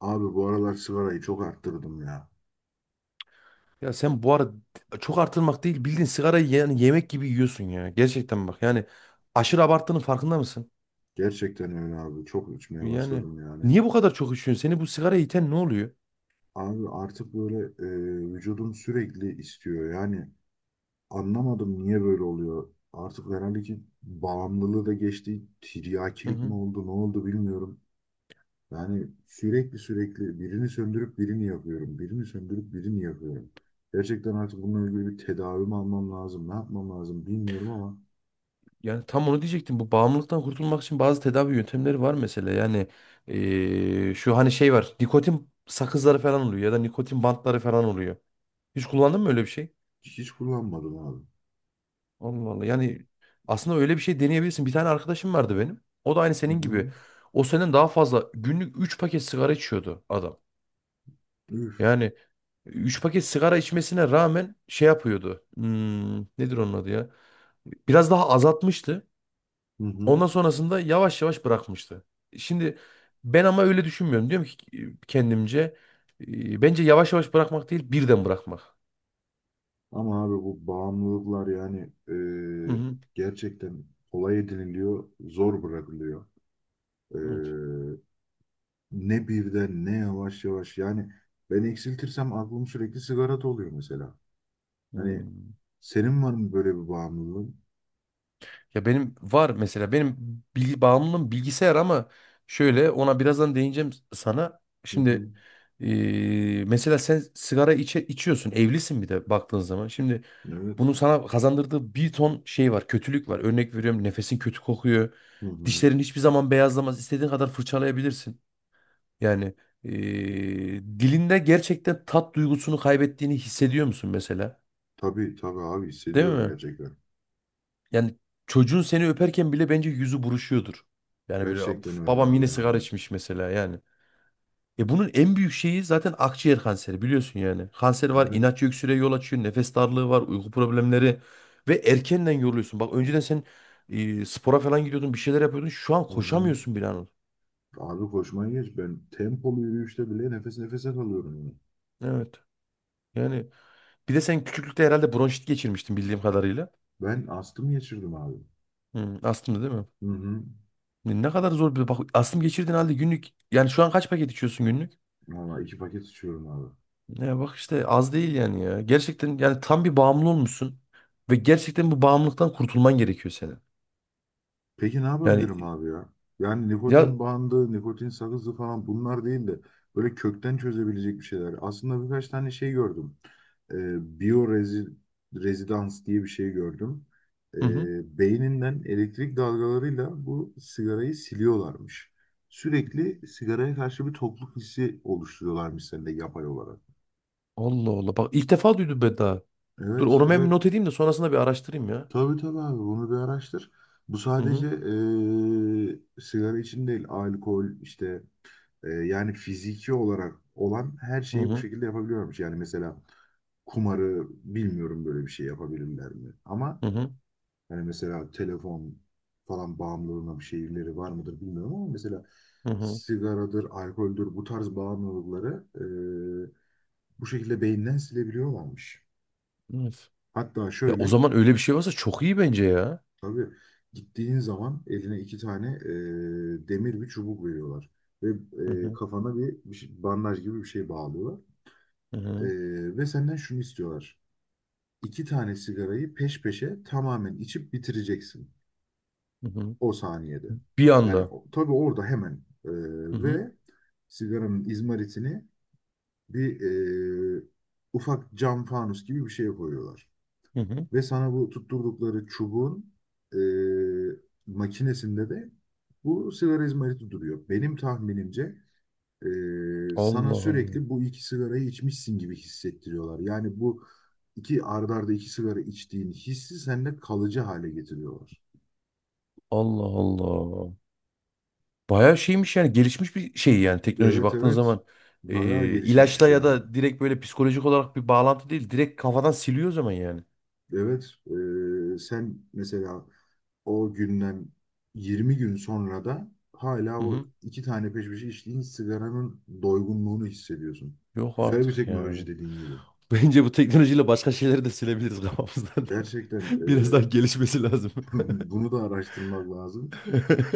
Abi bu aralar sigarayı çok arttırdım ya. Ya sen bu arada çok artırmak değil bildiğin sigarayı yani yemek gibi yiyorsun ya. Gerçekten bak yani aşırı abarttığının farkında mısın? Gerçekten öyle abi. Çok içmeye Yani başladım yani. niye bu kadar çok içiyorsun? Seni bu sigara iten ne oluyor? Abi artık böyle vücudum sürekli istiyor. Yani anlamadım niye böyle oluyor. Artık herhalde ki bağımlılığı da geçti. Hı Tiryakilik mi hı. oldu, ne oldu bilmiyorum. Yani sürekli sürekli birini söndürüp birini yapıyorum. Birini söndürüp birini yapıyorum. Gerçekten artık bununla ilgili bir tedavi mi almam lazım, ne yapmam lazım bilmiyorum ama Yani tam onu diyecektim. Bu bağımlılıktan kurtulmak için bazı tedavi yöntemleri var mesela. Yani şu hani şey var. Nikotin sakızları falan oluyor ya da nikotin bantları falan oluyor. Hiç kullandın mı öyle bir şey? hiç kullanmadım abi. Allah Allah. Yani aslında öyle bir şey deneyebilirsin. Bir tane arkadaşım vardı benim. O da aynı Hı senin hı. gibi. O senden daha fazla günlük 3 paket sigara içiyordu adam. Üf. Yani 3 paket sigara içmesine rağmen şey yapıyordu. Nedir onun adı ya? Biraz daha azaltmıştı. Hı hı. Ondan sonrasında yavaş yavaş bırakmıştı. Şimdi ben ama öyle düşünmüyorum. Diyorum ki kendimce bence yavaş yavaş bırakmak değil birden bırakmak. Ama abi bu bağımlılıklar yani e, Hı hı. gerçekten kolay ediniliyor, zor bırakılıyor. E, Evet. Ne birden ne yavaş yavaş yani ben eksiltirsem aklım sürekli sigarada oluyor mesela. Hani Hmm. senin var mı böyle bir bağımlılığın? Ya benim var mesela benim bilgi bağımlılığım bilgisayar ama şöyle ona birazdan değineceğim sana. Hı hı. Şimdi mesela sen sigara içiyorsun evlisin bir de baktığın zaman. Şimdi Evet. bunun sana kazandırdığı bir ton şey var kötülük var. Örnek veriyorum nefesin kötü kokuyor. Hı hı. Dişlerin hiçbir zaman beyazlamaz. İstediğin kadar fırçalayabilirsin. Yani dilinde gerçekten tat duygusunu kaybettiğini hissediyor musun mesela? Tabii tabii abi Değil hissediyorum mi? gerçekten. Yani çocuğun seni öperken bile bence yüzü buruşuyordur. Yani böyle Gerçekten "Of, öyle babam yine abi sigara yani. içmiş mesela yani. Bunun en büyük şeyi zaten akciğer kanseri biliyorsun yani. Kanser var, Evet. inatçı öksürüğe yol açıyor, nefes darlığı var, uyku problemleri ve erkenden yoruluyorsun. Bak önceden sen spora falan gidiyordun, bir şeyler yapıyordun. Şu an Hı hı. koşamıyorsun bile Anıl. Abi koşmayı geç. Ben tempolu yürüyüşte bile nefes nefese kalıyorum, yani. Evet. Yani bir de sen küçüklükte herhalde bronşit geçirmiştin bildiğim kadarıyla. Ben astım geçirdim abi. Astımdı değil mi? Hı hı. Ne kadar zor bir bak astım geçirdiğin halde günlük yani şu an kaç paket içiyorsun günlük? Valla iki paket içiyorum abi. Ya bak işte az değil yani ya. Gerçekten yani tam bir bağımlı olmuşsun. Ve gerçekten bu bağımlılıktan kurtulman gerekiyor senin. Peki ne Yani yapabilirim abi ya? Yani ya nikotin bandı, nikotin sakızı falan bunlar değil de böyle kökten çözebilecek bir şeyler. Aslında birkaç tane şey gördüm. Biyo rezidans diye bir şey gördüm. Hı hı. Beyninden elektrik dalgalarıyla bu sigarayı siliyorlarmış. Sürekli sigaraya karşı bir tokluk hissi oluşturuyorlarmış sende yapay olarak. Allah Allah. Bak ilk defa duydum ben daha. Dur Evet, onu ben bir evet. not edeyim de sonrasında bir araştırayım ya. Tabii tabii abi bunu bir araştır. Bu Hı sadece hı. Sigara için değil, alkol işte yani fiziki olarak olan her Hı şeyi bu hı. şekilde yapabiliyormuş. Yani mesela kumarı bilmiyorum böyle bir şey yapabilirler mi? Ama Hı hı. hani mesela telefon falan bağımlılığına bir şeyleri var mıdır bilmiyorum ama mesela Hı hı. sigaradır, alkoldür bu tarz bağımlılıkları e, bu şekilde beyinden silebiliyorlarmış. Evet. Hatta Ya o şöyle. zaman öyle bir şey varsa çok iyi bence ya. Tabii gittiğin zaman eline iki tane demir bir çubuk veriyorlar. Ve Hı hı. kafana bir bandaj gibi bir şey bağlıyorlar. Hı E, hı. Ve senden şunu istiyorlar. İki tane sigarayı peş peşe tamamen içip bitireceksin. Hı hı. O saniyede. Bir Yani anda. Tabii orada hemen. e, Hı hı. Ve sigaranın izmaritini bir e, ufak cam fanus gibi bir şeye koyuyorlar. Hı hı. Ve sana bu tutturdukları çubuğun e, makinesinde de bu sigara izmariti duruyor. Benim tahminimce sana Allah Allah. sürekli bu iki sigarayı içmişsin gibi hissettiriyorlar. Yani bu iki art arda iki sigara içtiğin hissi sende kalıcı hale getiriyorlar. Allah Allah. Bayağı şeymiş yani gelişmiş bir şey yani teknoloji Evet baktığın evet, zaman e, bayağı gelişmiş bir ilaçla şey ya abi. da direkt böyle psikolojik olarak bir bağlantı değil direkt kafadan siliyor o zaman yani. Evet. Sen mesela o günden 20 gün sonra da hala Hı o hı. iki tane peş peşe içtiğin sigaranın doygunluğunu hissediyorsun. Yok Güzel artık bir ya teknoloji bu. dediğin gibi. Bence bu teknolojiyle başka şeyleri de silebiliriz kafamızdan da. Gerçekten. Biraz daha gelişmesi lazım. Bunu da araştırmak lazım.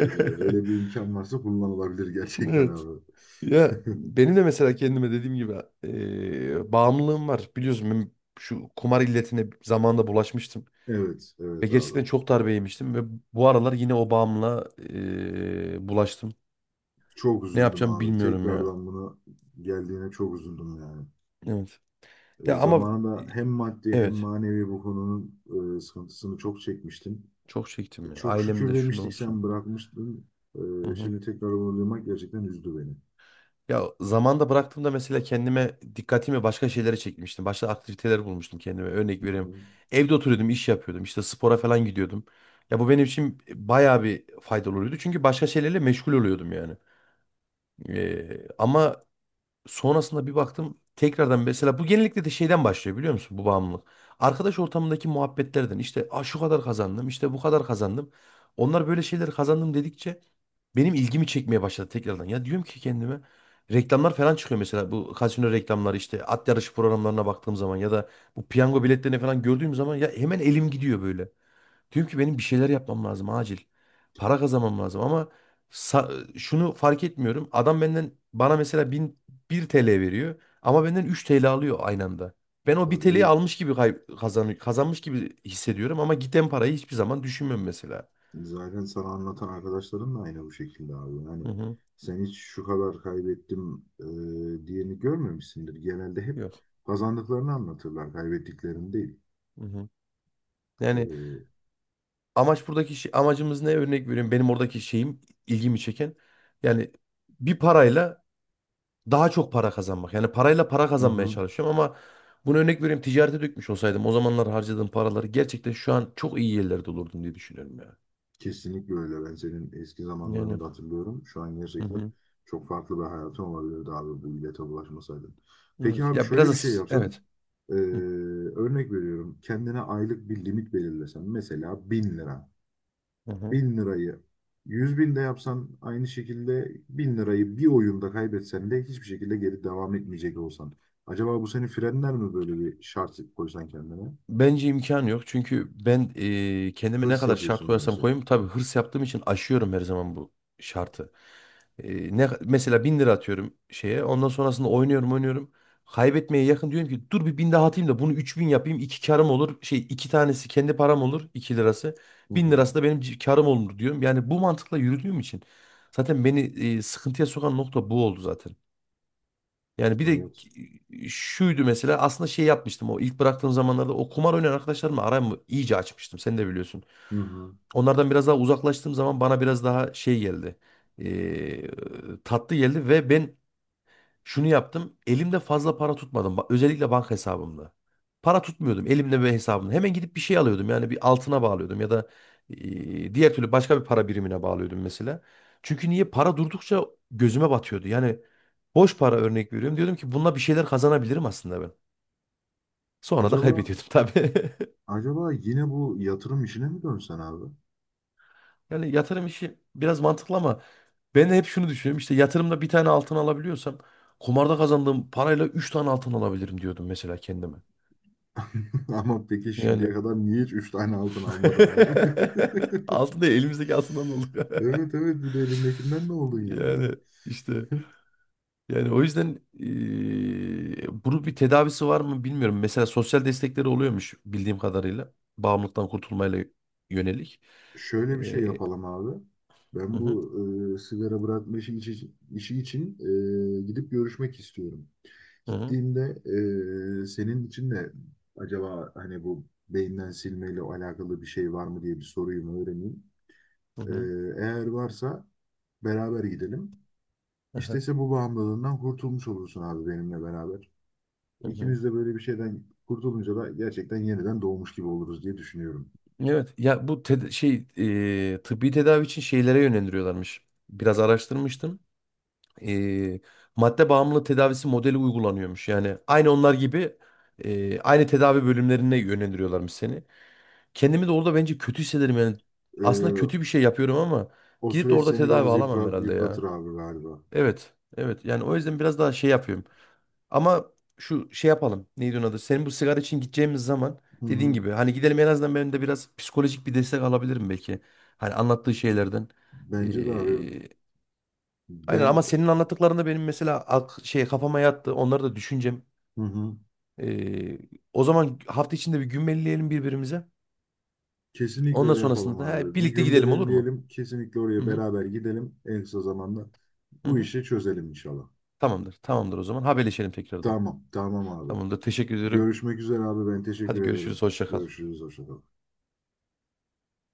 Öyle bir imkan varsa kullanılabilir gerçekten Evet. abi. Ya benim de mesela kendime dediğim gibi bağımlılığım var. Biliyorsun ben şu kumar illetine zamanında bulaşmıştım. Evet, Ve evet abi. gerçekten çok darbe yemiştim. Ve bu aralar yine o bağımlılığa bulaştım. Çok Ne üzüldüm yapacağım abi. bilmiyorum ya. Tekrardan bunu geldiğine çok üzüldüm yani. Evet. Ya ama Zamanında hem maddi hem evet. manevi bu konunun sıkıntısını çok çekmiştim. Çok çektim ya. Çok Ailem şükür de şunda demiştik olsun. sen bırakmıştın. Hı hı. Şimdi tekrar onu duymak gerçekten üzdü beni. Ya zamanda bıraktığımda mesela kendime dikkatimi başka şeylere çekmiştim. Başka aktiviteler bulmuştum kendime. Örnek Hı hı. vereyim. Evde oturuyordum, iş yapıyordum. İşte spora falan gidiyordum. Ya bu benim için bayağı bir faydalı oluyordu. Çünkü başka şeylerle meşgul oluyordum yani. Ama sonrasında bir baktım tekrardan mesela bu genellikle de şeyden başlıyor biliyor musun bu bağımlılık. Arkadaş ortamındaki muhabbetlerden işte "Aa, şu kadar kazandım işte bu kadar kazandım. Onlar böyle şeyleri kazandım dedikçe benim ilgimi çekmeye başladı tekrardan. Ya diyorum ki kendime reklamlar falan çıkıyor mesela bu kasino reklamları işte at yarışı programlarına baktığım zaman ya da bu piyango biletlerini falan gördüğüm zaman ya hemen elim gidiyor böyle. Diyorum ki benim bir şeyler yapmam lazım acil. Para kazanmam lazım ama şunu fark etmiyorum. Adam benden bana mesela 1 TL veriyor ama benden 3 TL alıyor aynı anda. Ben o 1 TL'yi Tabii almış gibi kazanmış gibi hissediyorum ama giden parayı hiçbir zaman düşünmüyorum mesela. zaten sana anlatan arkadaşların da aynı bu şekilde abi. Hani Hı hı. sen hiç şu kadar kaybettim diyeni görmemişsindir. Genelde hep Yok. kazandıklarını anlatırlar, kaybettiklerini değil. Hı hı. Yani Ee, amaç buradaki şey, amacımız ne örnek veriyorum. Benim oradaki şeyim ilgimi çeken yani bir parayla daha çok para kazanmak. Yani parayla para hı kazanmaya hı. çalışıyorum ama bunu örnek veriyorum ticarete dökmüş olsaydım o zamanlar harcadığım paraları gerçekten şu an çok iyi yerlerde olurdum diye düşünüyorum ya. Kesinlikle öyle. Ben senin eski zamanlarını Yani. da hatırlıyorum. Şu an Hı gerçekten hı. çok farklı bir hayatın olabilirdi abi bu illete bulaşmasaydın. Peki Evet. abi Ya biraz şöyle da bir şey yapsan. evet. Ee, Hı Örnek veriyorum. Kendine aylık bir limit belirlesen. Mesela 1000 lira. hı. Bin lirayı 100 binde yapsan aynı şekilde 1000 lirayı bir oyunda kaybetsen de hiçbir şekilde geri devam etmeyecek olsan. Acaba bu seni frenler mi böyle bir şart koysan kendine? Bence imkan yok. Çünkü ben kendime ne Hırs kadar şart yapıyorsun koyarsam gerçi. koyayım tabii hırs yaptığım için aşıyorum her zaman bu şartı. Ne mesela 1.000 lira atıyorum şeye. Ondan sonrasında oynuyorum oynuyorum. Kaybetmeye yakın diyorum ki dur bir 1.000 daha atayım da bunu 3.000 yapayım. İki karım olur. Şey iki tanesi kendi param olur. 2 lirası. Hı Bin hı. lirası da benim karım olur diyorum. Yani bu mantıkla yürüdüğüm için zaten beni sıkıntıya sokan nokta bu oldu zaten. Yani bir de Evet. şuydu mesela aslında şey yapmıştım o ilk bıraktığım zamanlarda o kumar oynayan arkadaşlarımla aramı iyice açmıştım sen de biliyorsun. Hı hı. Onlardan biraz daha uzaklaştığım zaman bana biraz daha şey geldi. eee, tatlı geldi ve ben şunu yaptım. Elimde fazla para tutmadım. Özellikle banka hesabımda. Para tutmuyordum elimde ve hesabımda. Hemen gidip bir şey alıyordum. Yani bir altına bağlıyordum ya da diğer türlü başka bir para birimine bağlıyordum mesela. Çünkü niye? Para durdukça gözüme batıyordu. Yani boş para örnek veriyorum. Diyordum ki bununla bir şeyler kazanabilirim aslında ben. Sonra da Acaba kaybediyordum tabii. Acaba yine bu yatırım işine mi dönsen abi? Yani yatırım işi biraz mantıklı ama ben de hep şunu düşünüyorum. İşte yatırımda bir tane altın alabiliyorsam kumarda kazandığım parayla üç tane altın alabilirim diyordum mesela kendime. Ama peki şimdiye Yani kadar niye hiç 3 tane altın almadın abi? Altın değil, elimizdeki altından oldu. Evet evet, bir de elindekinden ne oldun yani? Yani işte yani o yüzden bunun bir tedavisi var mı bilmiyorum. Mesela sosyal destekleri oluyormuş bildiğim kadarıyla. Bağımlılıktan kurtulmayla yönelik. Şöyle bir şey Eee, yapalım abi. hı Ben hı, bu sigara bırakma işi için gidip görüşmek istiyorum. hı hı, Gittiğimde senin için de acaba hani bu beyinden silmeyle alakalı bir şey var mı diye bir sorayım öğreneyim. hı E, hı, Eğer varsa beraber gidelim. hı İşte bu bağımlılığından kurtulmuş olursun abi benimle beraber. hı hı. İkimiz de böyle bir şeyden kurtulunca da gerçekten yeniden doğmuş gibi oluruz diye düşünüyorum. Evet ya bu şey tıbbi tedavi için şeylere yönlendiriyorlarmış. Biraz araştırmıştım. e, madde bağımlılığı tedavisi modeli uygulanıyormuş. Yani aynı onlar gibi aynı tedavi bölümlerine yönlendiriyorlarmış seni. Kendimi de orada bence kötü hissederim yani. Aslında Ee, kötü bir şey yapıyorum ama O gidip de süreç orada seni tedavi biraz alamam herhalde yıpratır ya. abi galiba. Evet, evet. Yani o yüzden biraz daha şey yapıyorum. Ama şu şey yapalım. Neydi onun adı? Senin bu sigara için gideceğimiz zaman Hı dediğin hı. gibi hani gidelim en azından ben de biraz psikolojik bir destek alabilirim belki. Hani anlattığı şeylerden. Bence de abi, Aynen ama ben. senin anlattıklarında benim mesela şey kafama yattı. Onları da düşüneceğim. Hı hı. Ee, o zaman hafta içinde bir gün gümbelleyelim birbirimize. Kesinlikle Ondan öyle sonrasında yapalım da abi. Bir birlikte gün gidelim olur mu? belirleyelim. Kesinlikle Hı oraya hı, beraber gidelim. En kısa zamanda hı bu hı. işi çözelim inşallah. Tamamdır. Tamamdır o zaman. Haberleşelim tekrardan. Tamam, tamam abi. Tamamdır. Teşekkür ederim. Görüşmek üzere abi. Ben Hadi teşekkür ederim. görüşürüz. Hoşça kal. Görüşürüz. Hoşça kal.